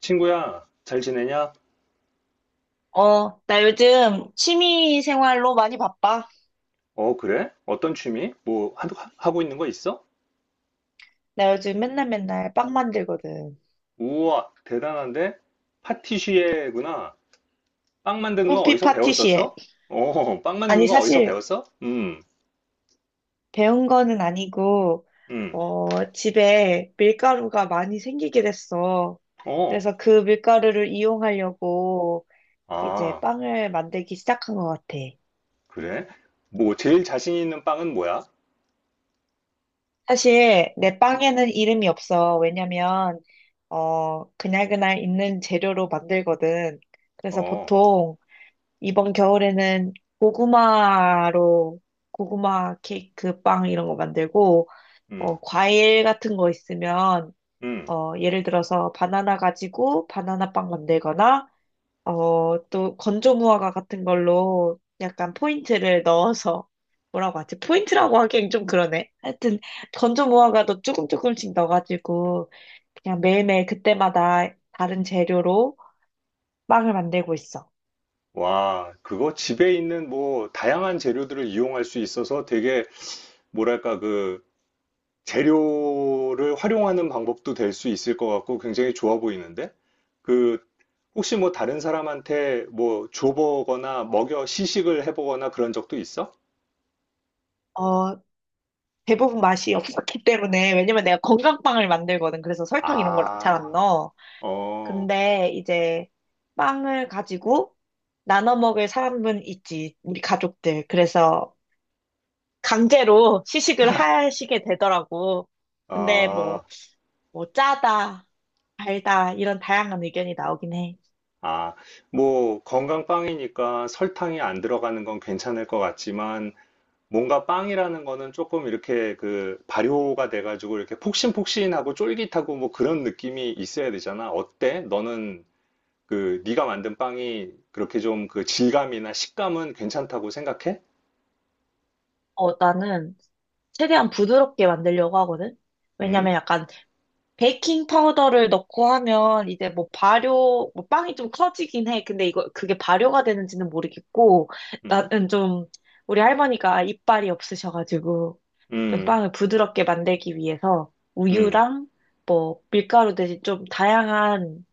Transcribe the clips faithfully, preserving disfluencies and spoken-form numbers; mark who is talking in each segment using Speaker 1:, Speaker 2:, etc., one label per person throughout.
Speaker 1: 친구야, 잘 지내냐?
Speaker 2: 어, 나 요즘 취미 생활로 많이 바빠.
Speaker 1: 어, 그래? 어떤 취미? 뭐, 하- 하고 있는 거 있어?
Speaker 2: 나 요즘 맨날 맨날 빵 만들거든.
Speaker 1: 우와, 대단한데? 파티시에구나. 빵 만드는 거
Speaker 2: 꿈피
Speaker 1: 어디서
Speaker 2: 파티시에.
Speaker 1: 배웠었어? 어, 빵 만드는
Speaker 2: 아니,
Speaker 1: 거 어디서
Speaker 2: 사실
Speaker 1: 배웠어? 음,
Speaker 2: 배운 거는 아니고,
Speaker 1: 음,
Speaker 2: 어, 집에 밀가루가 많이 생기게 됐어.
Speaker 1: 어,
Speaker 2: 그래서 그 밀가루를 이용하려고 이제
Speaker 1: 아,
Speaker 2: 빵을 만들기 시작한 것 같아.
Speaker 1: 그래? 뭐, 제일 자신 있는 빵은 뭐야?
Speaker 2: 사실 내 빵에는 이름이 없어. 왜냐면, 어, 그날그날 있는 재료로 만들거든. 그래서
Speaker 1: 어,
Speaker 2: 보통 이번 겨울에는 고구마로 고구마 케이크 빵 이런 거 만들고
Speaker 1: 음,
Speaker 2: 어, 과일 같은 거 있으면
Speaker 1: 음.
Speaker 2: 어, 예를 들어서 바나나 가지고 바나나 빵 만들거나 어, 또 건조 무화과 같은 걸로 약간 포인트를 넣어서 뭐라고 하지? 포인트라고 하기엔 좀 그러네. 하여튼 건조 무화과도 조금 조금씩 넣어가지고 그냥 매일매일 그때마다 다른 재료로 빵을 만들고 있어.
Speaker 1: 와, 그거 집에 있는 뭐, 다양한 재료들을 이용할 수 있어서 되게, 뭐랄까, 그, 재료를 활용하는 방법도 될 수 있을 것 같고 굉장히 좋아 보이는데? 그, 혹시 뭐 다른 사람한테 뭐 줘보거나 먹여 시식을 해보거나 그런 적도 있어?
Speaker 2: 어, 대부분 맛이 없었기 때문에 왜냐면 내가 건강빵을 만들거든. 그래서 설탕 이런 걸 잘 안
Speaker 1: 아,
Speaker 2: 넣어.
Speaker 1: 어,
Speaker 2: 근데 이제 빵을 가지고 나눠 먹을 사람은 있지. 우리 가족들. 그래서 강제로 시식을 하시게 되더라고. 근데 뭐,
Speaker 1: 아,
Speaker 2: 뭐 짜다, 달다 이런 다양한 의견이 나오긴 해.
Speaker 1: 아. 뭐 건강빵이니까 설탕이 안 들어가는 건 괜찮을 것 같지만 뭔가 빵이라는 거는 조금 이렇게 그 발효가 돼가지고 이렇게 폭신폭신하고 쫄깃하고 뭐 그런 느낌이 있어야 되잖아. 어때? 너는 그 네가 만든 빵이 그렇게 좀 그 질감이나 식감은 괜찮다고 생각해?
Speaker 2: 어, 나는 최대한 부드럽게 만들려고 하거든.
Speaker 1: 음,
Speaker 2: 왜냐면 약간 베이킹 파우더를 넣고 하면 이제 뭐 발효, 뭐 빵이 좀 커지긴 해. 근데 이거 그게 발효가 되는지는 모르겠고,
Speaker 1: 음,
Speaker 2: 나는 좀 우리 할머니가 이빨이 없으셔가지고 좀
Speaker 1: 음,
Speaker 2: 빵을 부드럽게 만들기 위해서
Speaker 1: 음.
Speaker 2: 우유랑 뭐 밀가루 대신 좀 다양한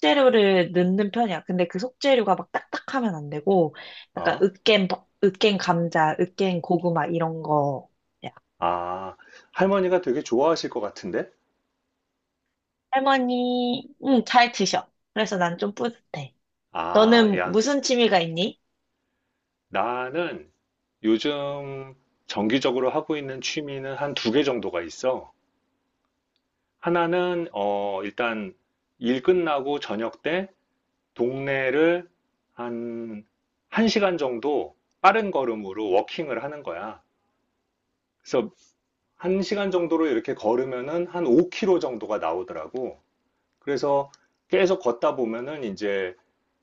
Speaker 2: 속재료를 넣는 편이야. 근데 그 속재료가 막 딱딱하면 안 되고, 약간
Speaker 1: 어,
Speaker 2: 으깬, 버- 으깬 감자, 으깬 고구마 이런 거야.
Speaker 1: 아, 할머니가 되게 좋아하실 것 같은데?
Speaker 2: 할머니, 응, 잘 드셔. 그래서 난 좀 뿌듯해.
Speaker 1: 아,
Speaker 2: 너는
Speaker 1: 야,
Speaker 2: 무슨 취미가 있니?
Speaker 1: 나는 요즘 정기적으로 하고 있는 취미는 한 두 개 정도가 있어. 하나는 어 일단 일 끝나고 저녁 때 동네를 한 1시간 정도 빠른 걸음으로 워킹을 하는 거야. 그래서 한시간 정도로 이렇게 걸으면은 한 오 킬로미터 정도가 나오더라고. 그래서 계속 걷다 보면은 이제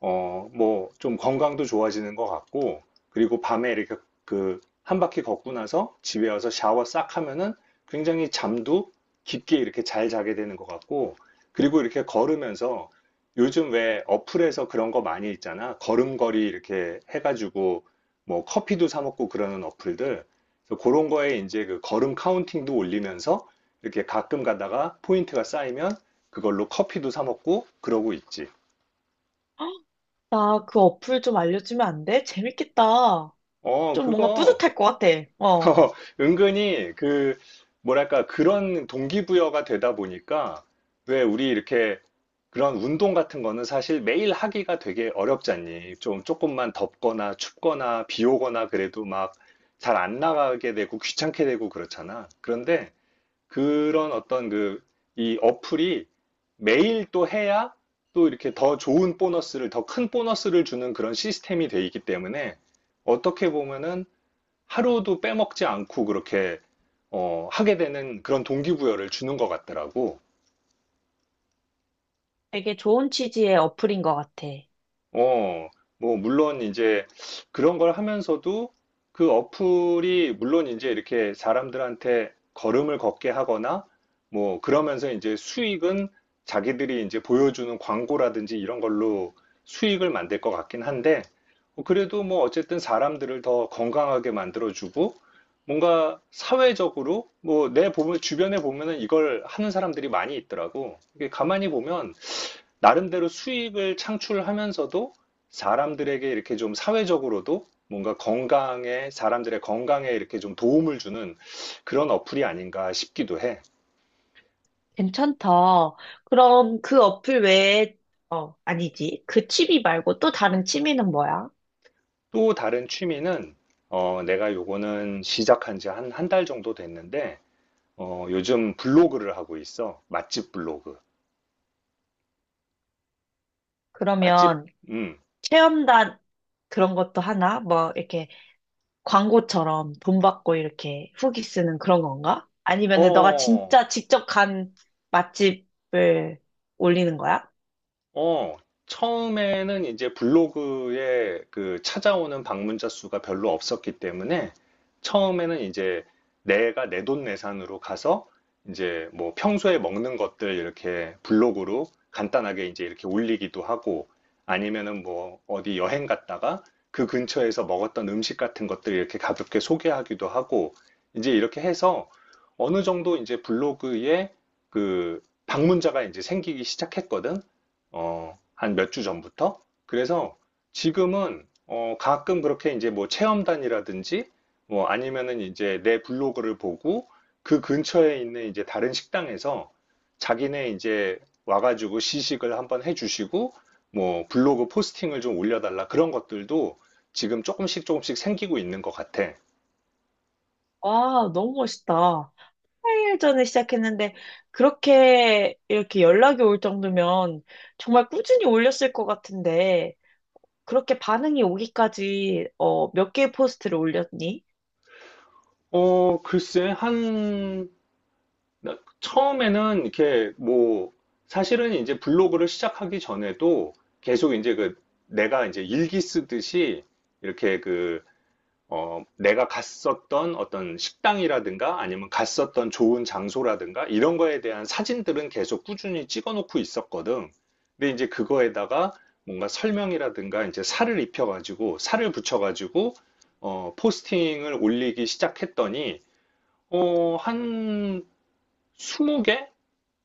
Speaker 1: 어, 뭐, 좀 건강도 좋아지는 것 같고, 그리고 밤에 이렇게 그, 한 바퀴 걷고 나서 집에 와서 샤워 싹 하면은 굉장히 잠도 깊게 이렇게 잘 자게 되는 것 같고, 그리고 이렇게 걸으면서 요즘 왜 어플에서 그런 거 많이 있잖아. 걸음걸이 이렇게 해가지고 뭐 커피도 사 먹고 그러는 어플들. 그래서 그런 거에 이제 그 걸음 카운팅도 올리면서 이렇게 가끔 가다가 포인트가 쌓이면 그걸로 커피도 사 먹고 그러고 있지.
Speaker 2: 나 그 어플 좀 알려주면 안 돼? 재밌겠다.
Speaker 1: 어,
Speaker 2: 좀 뭔가
Speaker 1: 그거
Speaker 2: 뿌듯할 것 같아. 어.
Speaker 1: 어, 은근히 그 뭐랄까 그런 동기부여가 되다 보니까 왜 우리 이렇게 그런 운동 같은 거는 사실 매일 하기가 되게 어렵잖니. 좀 조금만 덥거나 춥거나 비 오거나 그래도 막 잘 안 나가게 되고 귀찮게 되고 그렇잖아. 그런데 그런 어떤 그 이 어플이 매일 또 해야 또 이렇게 더 좋은 보너스를, 더 큰 보너스를 주는 그런 시스템이 돼 있기 때문에 어떻게 보면은 하루도 빼먹지 않고 그렇게 어, 하게 되는 그런 동기부여를 주는 것 같더라고.
Speaker 2: 되게 좋은 취지의 어플인 것 같아.
Speaker 1: 어, 뭐, 물론 이제 그런 걸 하면서도 그 어플이 물론 이제 이렇게 사람들한테 걸음을 걷게 하거나 뭐, 그러면서 이제 수익은 자기들이 이제 보여주는 광고라든지 이런 걸로 수익을 만들 것 같긴 한데, 어, 그래도 뭐 어쨌든 사람들을 더 건강하게 만들어주고 뭔가 사회적으로 뭐 내 보면 주변에 보면은 이걸 하는 사람들이 많이 있더라고. 이게 가만히 보면 나름대로 수익을 창출하면서도 사람들에게 이렇게 좀 사회적으로도 뭔가 건강에, 사람들의 건강에 이렇게 좀 도움을 주는 그런 어플이 아닌가 싶기도 해.
Speaker 2: 괜찮다. 그럼 그 어플 외에, 어, 아니지. 그 취미 말고 또 다른 취미는 뭐야?
Speaker 1: 또 다른 취미는, 어, 내가 요거는 시작한 지 한, 한 달 정도 됐는데, 어, 요즘 블로그를 하고 있어. 맛집 블로그. 맛집,
Speaker 2: 그러면
Speaker 1: 음,
Speaker 2: 체험단 그런 것도 하나? 뭐, 이렇게 광고처럼 돈 받고 이렇게 후기 쓰는 그런 건가? 아니면은 너가
Speaker 1: 어,
Speaker 2: 진짜 직접 간 맛집을 올리는 거야?
Speaker 1: 어, 처음에는 이제 블로그에 그 찾아오는 방문자 수가 별로 없었기 때문에 처음에는 이제 내가 내돈내산으로 가서 이제 뭐 평소에 먹는 것들 이렇게 블로그로 간단하게 이제 이렇게 올리기도 하고 아니면은 뭐 어디 여행 갔다가 그 근처에서 먹었던 음식 같은 것들 이렇게 가볍게 소개하기도 하고 이제 이렇게 해서 어느 정도 이제 블로그에 그 방문자가 이제 생기기 시작했거든. 어, 한 몇 주 전부터. 그래서 지금은 어, 가끔 그렇게 이제 뭐 체험단이라든지 뭐 아니면은 이제 내 블로그를 보고 그 근처에 있는 이제 다른 식당에서 자기네 이제 와가지고 시식을 한번 해주시고 뭐 블로그 포스팅을 좀 올려달라 그런 것들도 지금 조금씩 조금씩 생기고 있는 것 같아.
Speaker 2: 와, 너무 멋있다. 팔 일 전에 시작했는데, 그렇게 이렇게 연락이 올 정도면 정말 꾸준히 올렸을 것 같은데, 그렇게 반응이 오기까지, 어, 몇 개의 포스트를 올렸니?
Speaker 1: 어, 글쎄, 한 나- 처음에는 이렇게 뭐 사실은 이제 블로그를 시작하기 전에도 계속 이제 그 내가 이제 일기 쓰듯이 이렇게 그 어, 내가 갔었던 어떤 식당이라든가 아니면 갔었던 좋은 장소라든가 이런 거에 대한 사진들은 계속 꾸준히 찍어 놓고 있었거든. 근데 이제 그거에다가 뭔가 설명이라든가 이제 살을 입혀가지고 살을 붙여가지고 어, 포스팅을 올리기 시작했더니 어, 한 스무 개?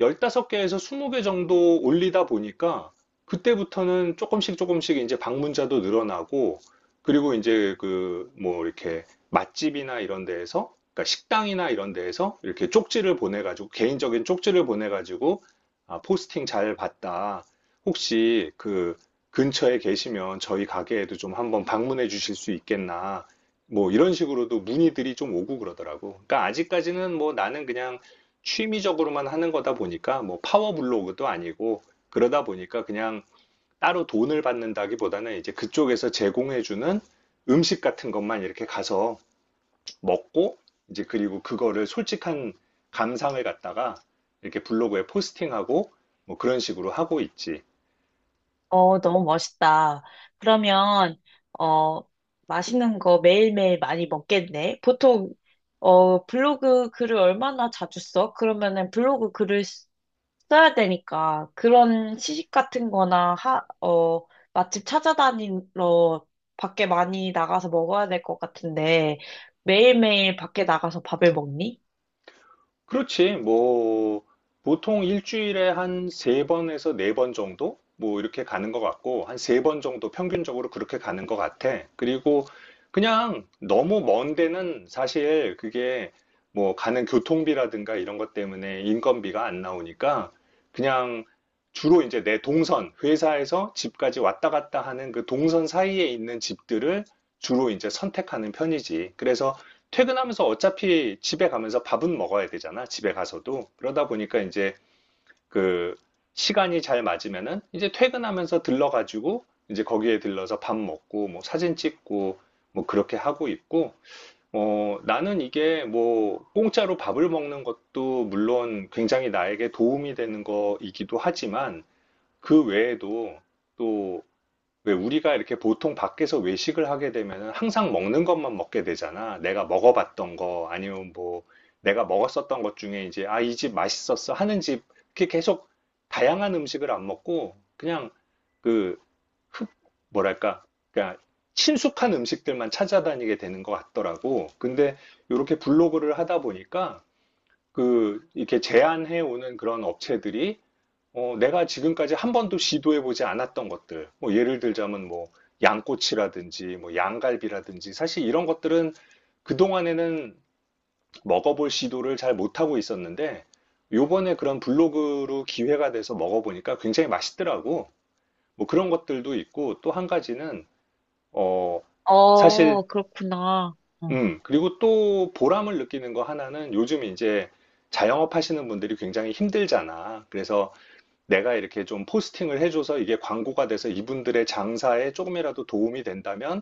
Speaker 1: 열다섯 개에서 스무 개 정도 올리다 보니까 그때부터는 조금씩 조금씩 이제 방문자도 늘어나고 그리고 이제 그 뭐 이렇게 맛집이나 이런 데에서 그러니까 식당이나 이런 데에서 이렇게 쪽지를 보내가지고 개인적인 쪽지를 보내가지고 아, 포스팅 잘 봤다. 혹시 그 근처에 계시면 저희 가게에도 좀 한번 방문해 주실 수 있겠나. 뭐 이런 식으로도 문의들이 좀 오고 그러더라고. 그러니까 아직까지는 뭐 나는 그냥 취미적으로만 하는 거다 보니까 뭐 파워 블로그도 아니고 그러다 보니까 그냥 따로 돈을 받는다기보다는 이제 그쪽에서 제공해주는 음식 같은 것만 이렇게 가서 먹고 이제 그리고 그거를 솔직한 감상을 갖다가 이렇게 블로그에 포스팅하고 뭐 그런 식으로 하고 있지.
Speaker 2: 어, 너무 멋있다. 그러면, 어, 맛있는 거 매일매일 많이 먹겠네. 보통, 어, 블로그 글을 얼마나 자주 써? 그러면은 블로그 글을 쓰- 써야 되니까 그런 시식 같은 거나 하, 어, 맛집 찾아다니러 밖에 많이 나가서 먹어야 될 것 같은데 매일매일 밖에 나가서 밥을 먹니?
Speaker 1: 그렇지. 뭐, 보통 일주일에 한 세번에서네 번 정도? 뭐, 이렇게 가는 것 같고, 한 세 번 정도 평균적으로 그렇게 가는 것 같아. 그리고 그냥 너무 먼 데는 사실 그게 뭐, 가는 교통비라든가 이런 것 때문에 인건비가 안 나오니까, 그냥 주로 이제 내 동선, 회사에서 집까지 왔다 갔다 하는 그 동선 사이에 있는 집들을 주로 이제 선택하는 편이지. 그래서 퇴근하면서 어차피 집에 가면서 밥은 먹어야 되잖아, 집에 가서도. 그러다 보니까 이제 그 시간이 잘 맞으면은 이제 퇴근하면서 들러가지고 이제 거기에 들러서 밥 먹고 뭐 사진 찍고 뭐 그렇게 하고 있고 어, 나는 이게 뭐 공짜로 밥을 먹는 것도 물론 굉장히 나에게 도움이 되는 거이기도 하지만 그 외에도 또 왜 우리가 이렇게 보통 밖에서 외식을 하게 되면은 항상 먹는 것만 먹게 되잖아. 내가 먹어봤던 거 아니면 뭐 내가 먹었었던 것 중에 이제 아, 이집 맛있었어 하는 집 이렇게 계속 다양한 음식을 안 먹고 그냥 그 흡, 뭐랄까 그러니까 친숙한 음식들만 찾아다니게 되는 것 같더라고. 근데 이렇게 블로그를 하다 보니까 그 이렇게 제안해 오는 그런 업체들이 어, 내가 지금까지 한 번도 시도해보지 않았던 것들, 뭐 예를 들자면 뭐 양꼬치라든지 뭐 양갈비라든지 사실 이런 것들은 그동안에는 먹어볼 시도를 잘 못하고 있었는데 요번에 그런 블로그로 기회가 돼서 먹어보니까 굉장히 맛있더라고. 뭐 그런 것들도 있고 또 한 가지는 어, 사실
Speaker 2: 어, 그렇구나.
Speaker 1: 음, 그리고 또 보람을 느끼는 거 하나는 요즘 이제 자영업 하시는 분들이 굉장히 힘들잖아. 그래서 내가 이렇게 좀 포스팅을 해줘서 이게 광고가 돼서 이분들의 장사에 조금이라도 도움이 된다면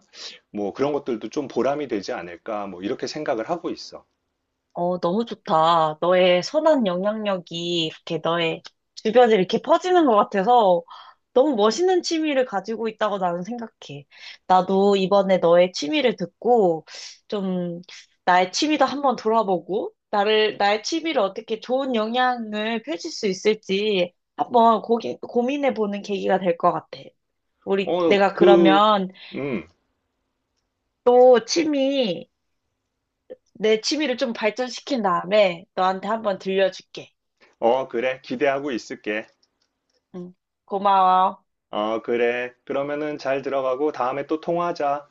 Speaker 1: 뭐 그런 것들도 좀 보람이 되지 않을까 뭐 이렇게 생각을 하고 있어.
Speaker 2: 어, 너무 좋다. 너의 선한 영향력이 이렇게 너의 주변에 이렇게 퍼지는 것 같아서 너무 멋있는 취미를 가지고 있다고 나는 생각해. 나도 이번에 너의 취미를 듣고 좀 나의 취미도 한번 돌아보고 나를, 나의 취미를 어떻게 좋은 영향을 펼칠 수 있을지 한번 고기, 고민해보는 계기가 될 것 같아. 우리,
Speaker 1: 어,
Speaker 2: 내가
Speaker 1: 그,
Speaker 2: 그러면
Speaker 1: 음,
Speaker 2: 또 취미, 내 취미를 좀 발전시킨 다음에 너한테 한번 들려줄게.
Speaker 1: 어, 그래. 기대하고 있을게.
Speaker 2: 응. 고마워.
Speaker 1: 어, 그래. 그러면은 잘 들어가고 다음에 또 통화하자.